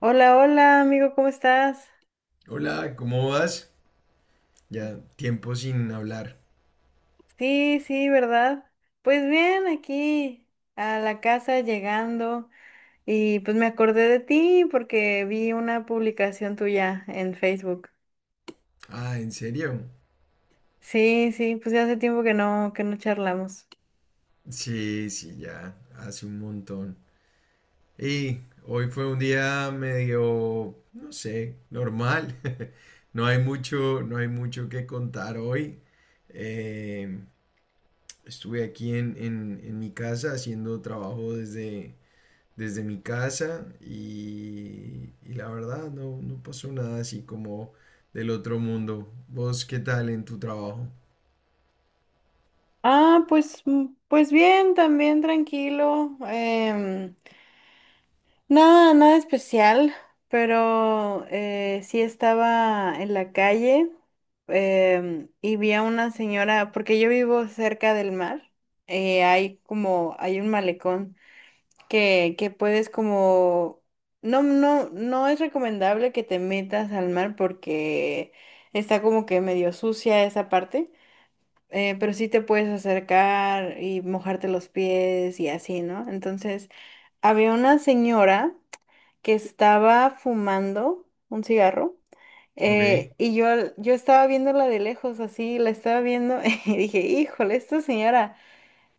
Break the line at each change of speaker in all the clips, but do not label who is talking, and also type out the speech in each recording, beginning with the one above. Hola, hola, amigo, ¿cómo estás?
Hola, ¿cómo vas? Ya tiempo sin hablar.
Sí, sí, ¿verdad? Pues bien, aquí a la casa llegando y pues me acordé de ti porque vi una publicación tuya en Facebook.
Ah, ¿en serio?
Sí, sí, pues ya hace tiempo que no charlamos.
Sí, sí, ya, hace un montón. Y Hoy fue un día medio, no sé, normal. No hay mucho, no hay mucho que contar hoy. Eh, Estuve aquí en mi casa haciendo trabajo desde mi casa y la verdad no pasó nada así como del otro mundo. ¿Vos qué tal en tu trabajo?
Ah, pues mm, pues bien, también tranquilo. Nada, nada especial, pero sí estaba en la calle, y vi a una señora, porque yo vivo cerca del mar. Hay como, hay un malecón que puedes como, no, no, no es recomendable que te metas al mar porque está como que medio sucia esa parte. Pero sí te puedes acercar y mojarte los pies y así, ¿no? Entonces, había una señora que estaba fumando un cigarro,
Ok,
y yo, yo estaba viéndola de lejos, así, la estaba viendo y dije, híjole,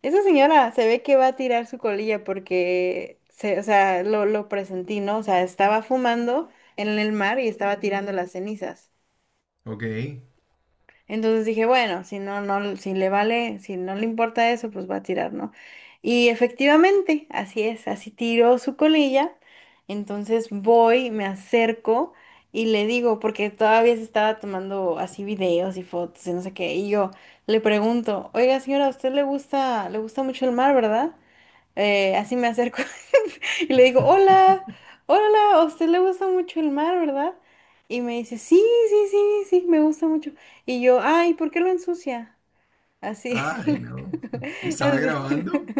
esta señora se ve que va a tirar su colilla porque, se, o sea, lo presentí, ¿no? O sea, estaba fumando en el mar y estaba tirando las cenizas.
ok.
Entonces dije, bueno, si no, no, si le vale, si no le importa eso, pues va a tirar, ¿no? Y efectivamente, así es, así tiró su colilla. Entonces voy, me acerco y le digo, porque todavía se estaba tomando así videos y fotos y no sé qué, y yo le pregunto, oiga señora, ¿a usted le gusta mucho el mar, ¿verdad? Así me acerco y le digo, hola, hola, a usted le gusta mucho el mar, ¿verdad? Y me dice, sí, sí, sí, sí, me gusta mucho. Y yo, ay, ¿por qué lo ensucia? Así.
Ay, no. ¿Y estaba
Así.
grabando?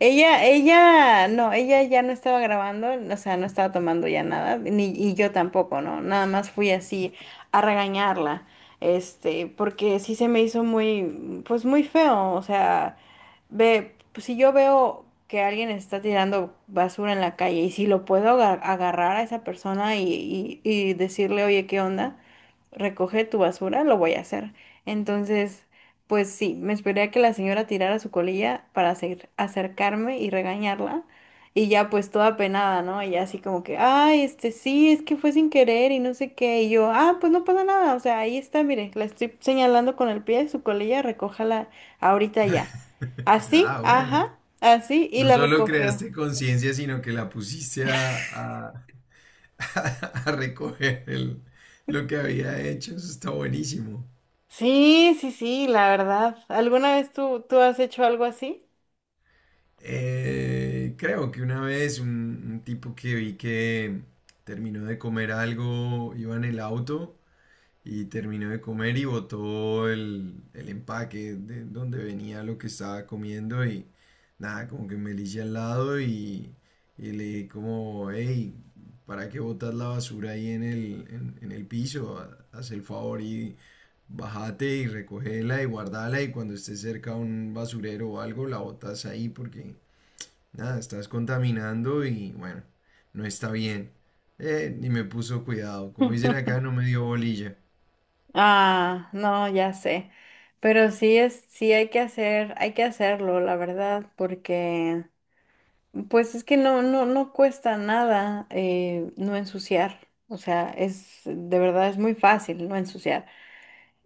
Ella, no, ella ya no estaba grabando, o sea, no estaba tomando ya nada, ni, y yo tampoco, ¿no? Nada más fui así a regañarla, este, porque sí se me hizo muy, pues muy feo, o sea, ve, pues, si yo veo que alguien está tirando basura en la calle y si lo puedo agarrar a esa persona y, y decirle, oye, ¿qué onda? Recoge tu basura, lo voy a hacer. Entonces... Pues sí, me esperé a que la señora tirara su colilla para acercarme y regañarla. Y ya pues toda penada, ¿no? Ella así como que, ay, este sí, es que fue sin querer y no sé qué. Y yo, ah, pues no pasa nada. O sea, ahí está, mire, la estoy señalando con el pie, su colilla, recójala ahorita ya. Así,
Ah, bueno.
ajá, así, y
No
la
solo
recogió.
creaste conciencia, sino que la pusiste a, a- a recoger lo que había hecho. Eso está buenísimo.
Sí, sí, sí, la verdad. ¿Alguna vez tú has hecho algo así?
Creo que una vez un tipo que vi que terminó de comer algo, iba en el auto y terminó de comer y botó el empaque de donde venía lo que estaba comiendo y nada, como que me elige al lado y le dije como, hey, ¿para qué botas la basura ahí en el piso? Haz el favor y bájate y recógela y guardala y cuando estés cerca a un basurero o algo la botas ahí porque nada, estás contaminando y bueno, no está bien. Ni me puso cuidado. Como dicen acá, no me dio bolilla.
Ah, no, ya sé. Pero sí es, sí hay que hacer, hay que hacerlo, la verdad, porque pues es que no, no, no cuesta nada, no ensuciar. O sea, es, de verdad es muy fácil no ensuciar.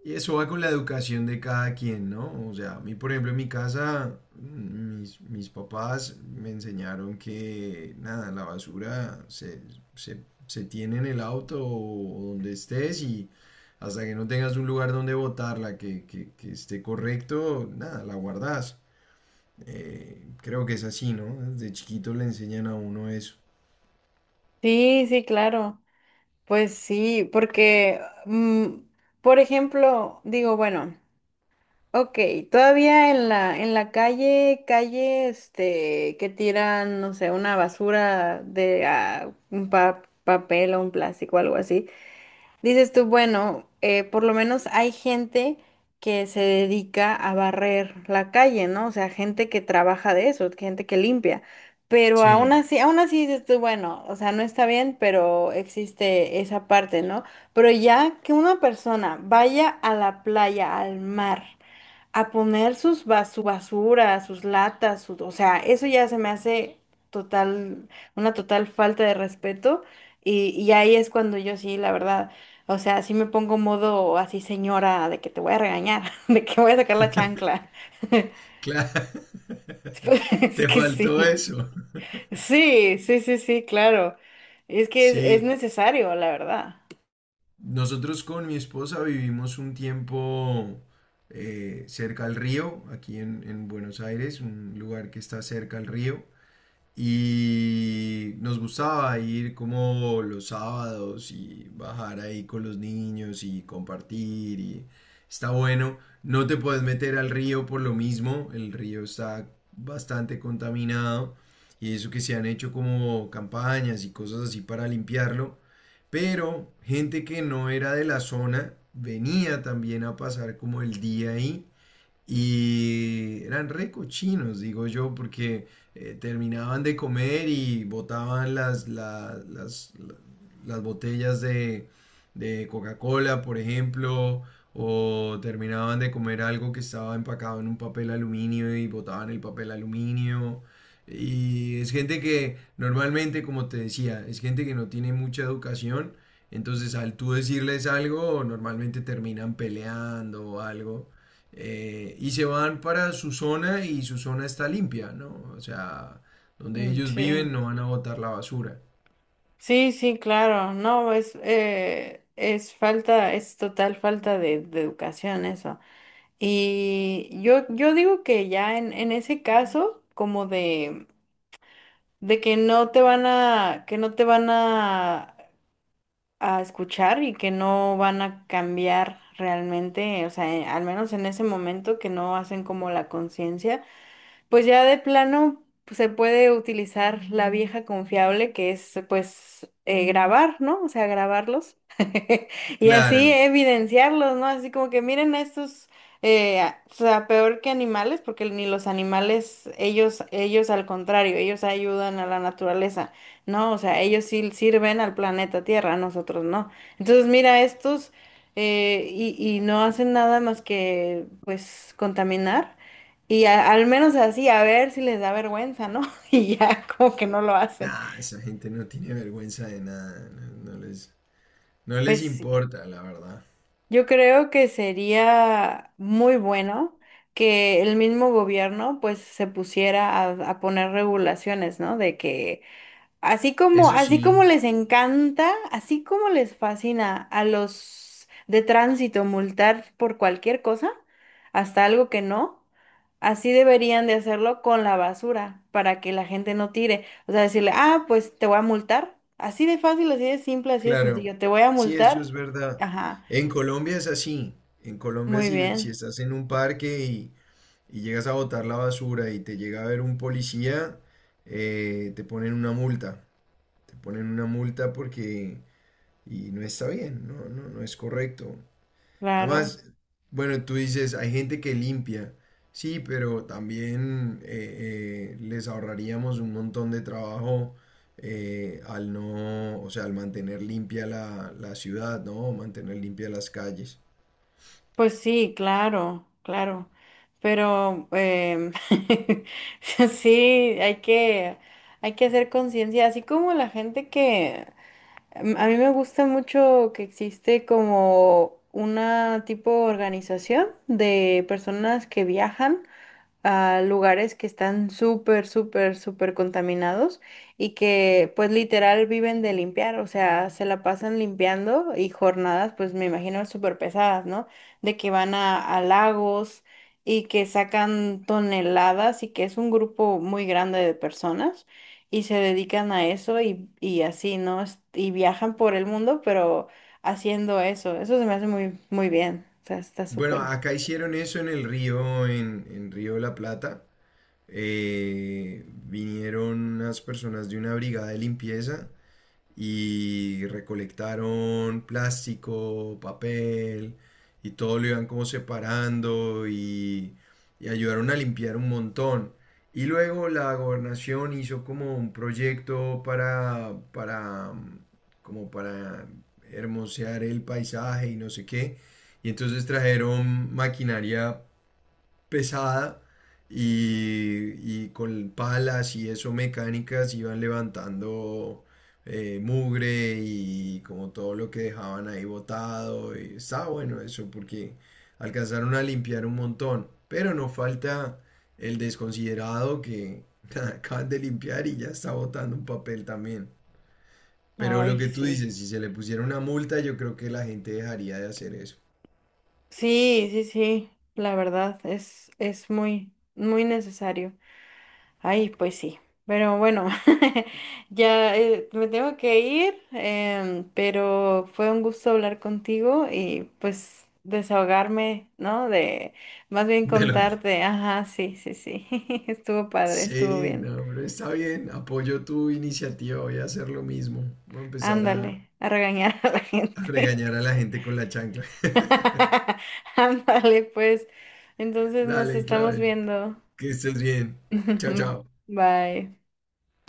Y eso va con la educación de cada quien, ¿no? O sea, a mí, por ejemplo, en mi casa, mis papás me enseñaron que, nada, la basura se tiene en el auto o donde estés y hasta que no tengas un lugar donde botarla que esté correcto, nada, la guardas. Creo que es así, ¿no? Desde chiquito le enseñan a uno eso.
Sí, sí, claro. Pues sí, porque, mm, por ejemplo, digo, bueno. Ok, todavía en la calle, calle, este, que tiran, no sé, una basura de ah, un papel o un plástico, algo así. Dices tú, bueno, por lo menos hay gente que se dedica a barrer la calle, ¿no? O sea, gente que trabaja de eso, gente que limpia. Pero
Sí,
aún así dices tú, bueno, o sea, no está bien, pero existe esa parte, ¿no? Pero ya que una persona vaya a la playa, al mar a poner sus su basura, sus latas, su- o sea, eso ya se me hace total, una total falta de respeto y ahí es cuando yo sí, la verdad, o sea, sí me pongo modo así señora de que te voy a regañar, de que voy a sacar la chancla.
claro.
Es
Te
que
faltó
sí,
eso.
sí, sí, sí, sí, claro. Es que es
Sí,
necesario, la verdad.
nosotros con mi esposa vivimos un tiempo cerca al río, aquí en Buenos Aires, un lugar que está cerca al río. Y nos gustaba ir como los sábados y bajar ahí con los niños y compartir y está bueno. No te puedes meter al río por lo mismo, el río está bastante contaminado y eso que se han hecho como campañas y cosas así para limpiarlo. Pero gente que no era de la zona venía también a pasar como el día ahí y eran re cochinos, digo yo, porque terminaban de comer y botaban las botellas de Coca-Cola, por ejemplo, o terminaban de comer algo que estaba empacado en un papel aluminio y botaban el papel aluminio. Y es gente que normalmente, como te decía, es gente que no tiene mucha educación. Entonces, al tú decirles algo, normalmente terminan peleando o algo. Y se van para su zona y su zona está limpia, ¿no? O sea, donde
Mm,
ellos
sí,
viven no van a botar la basura.
sí, sí, claro, no, es falta, es total falta de educación eso. Y yo digo que ya en ese caso, como de que no te van a, que no te van a escuchar y que no van a cambiar realmente, o sea, al menos en ese momento que no hacen como la conciencia. Pues ya de plano pues, se puede utilizar la vieja confiable que es pues grabar, ¿no? O sea, grabarlos y así
Claro.
evidenciarlos, ¿no? Así como que miren a estos, o sea, peor que animales, porque ni los animales, ellos al contrario, ellos ayudan a la naturaleza, ¿no? O sea, ellos sí sirven al planeta Tierra, nosotros no. Entonces, mira, estos, y no hacen nada más que pues contaminar. Y al menos así, a ver si les da vergüenza, ¿no? Y ya como que no lo hacen.
Nah, esa gente no tiene vergüenza de nada. No, no les, no les
Pues sí,
importa, la verdad.
yo creo que sería muy bueno que el mismo gobierno pues se pusiera a poner regulaciones, ¿no? De que así como,
Eso
así
sí.
como les encanta, así como les fascina a los de tránsito multar por cualquier cosa, hasta algo que no, así deberían de hacerlo con la basura para que la gente no tire. O sea, decirle, ah, pues te voy a multar. Así de fácil, así de simple, así de
Claro,
sencillo. Te voy a
sí, eso
multar.
es verdad.
Ajá,
En Colombia es así. En Colombia
muy
si, si
bien,
estás en un parque y llegas a botar la basura y te llega a ver un policía, te ponen una multa. Te ponen una multa porque... Y no está bien, no, no, no es correcto.
claro.
Además, bueno, tú dices, hay gente que limpia, sí, pero también les ahorraríamos un montón de trabajo al no, o sea, al mantener limpia la ciudad, ¿no? Mantener limpia las calles.
Pues sí, claro, claro. Pero sí, hay que, hay que hacer conciencia, así como la gente que a mí me gusta mucho que existe como una tipo de organización de personas que viajan a lugares que están súper, súper, súper contaminados y que pues literal viven de limpiar, o sea, se la pasan limpiando y jornadas pues me imagino súper pesadas, ¿no? De que van a lagos y que sacan toneladas y que es un grupo muy grande de personas y se dedican a eso y así, ¿no? Es- Y viajan por el mundo, pero haciendo eso, eso se me hace muy, muy bien, o sea, está
Bueno,
súper.
acá hicieron eso en el río, en Río de la Plata. Vinieron unas personas de una brigada de limpieza y recolectaron plástico, papel y todo lo iban como separando y ayudaron a limpiar un montón. Y luego la gobernación hizo como un proyecto como para hermosear el paisaje y no sé qué. Y entonces trajeron maquinaria pesada y con palas y eso mecánicas iban levantando mugre y como todo lo que dejaban ahí botado. Y estaba bueno eso porque alcanzaron a limpiar un montón. Pero no falta el desconsiderado que acaban de limpiar y ya está botando un papel también. Pero lo
Ay,
que tú
sí.
dices, si se le pusiera una multa, yo creo que la gente dejaría de hacer eso.
Sí, sí, sí, la verdad es muy, muy necesario. Ay, pues sí, pero bueno, ya me tengo que ir, pero fue un gusto hablar contigo y pues desahogarme, ¿no? De, más bien
De lo que
contarte, ajá, sí, sí, sí, estuvo padre, estuvo
sí,
bien.
no, pero está bien. Apoyo tu iniciativa. Voy a hacer lo mismo. Voy a empezar
Ándale, a regañar a la
a
gente.
regañar a la gente con la chancla.
Ándale, pues, entonces nos
Dale,
estamos
Claudia.
viendo.
Que estés bien. Chao, chao.
Bye.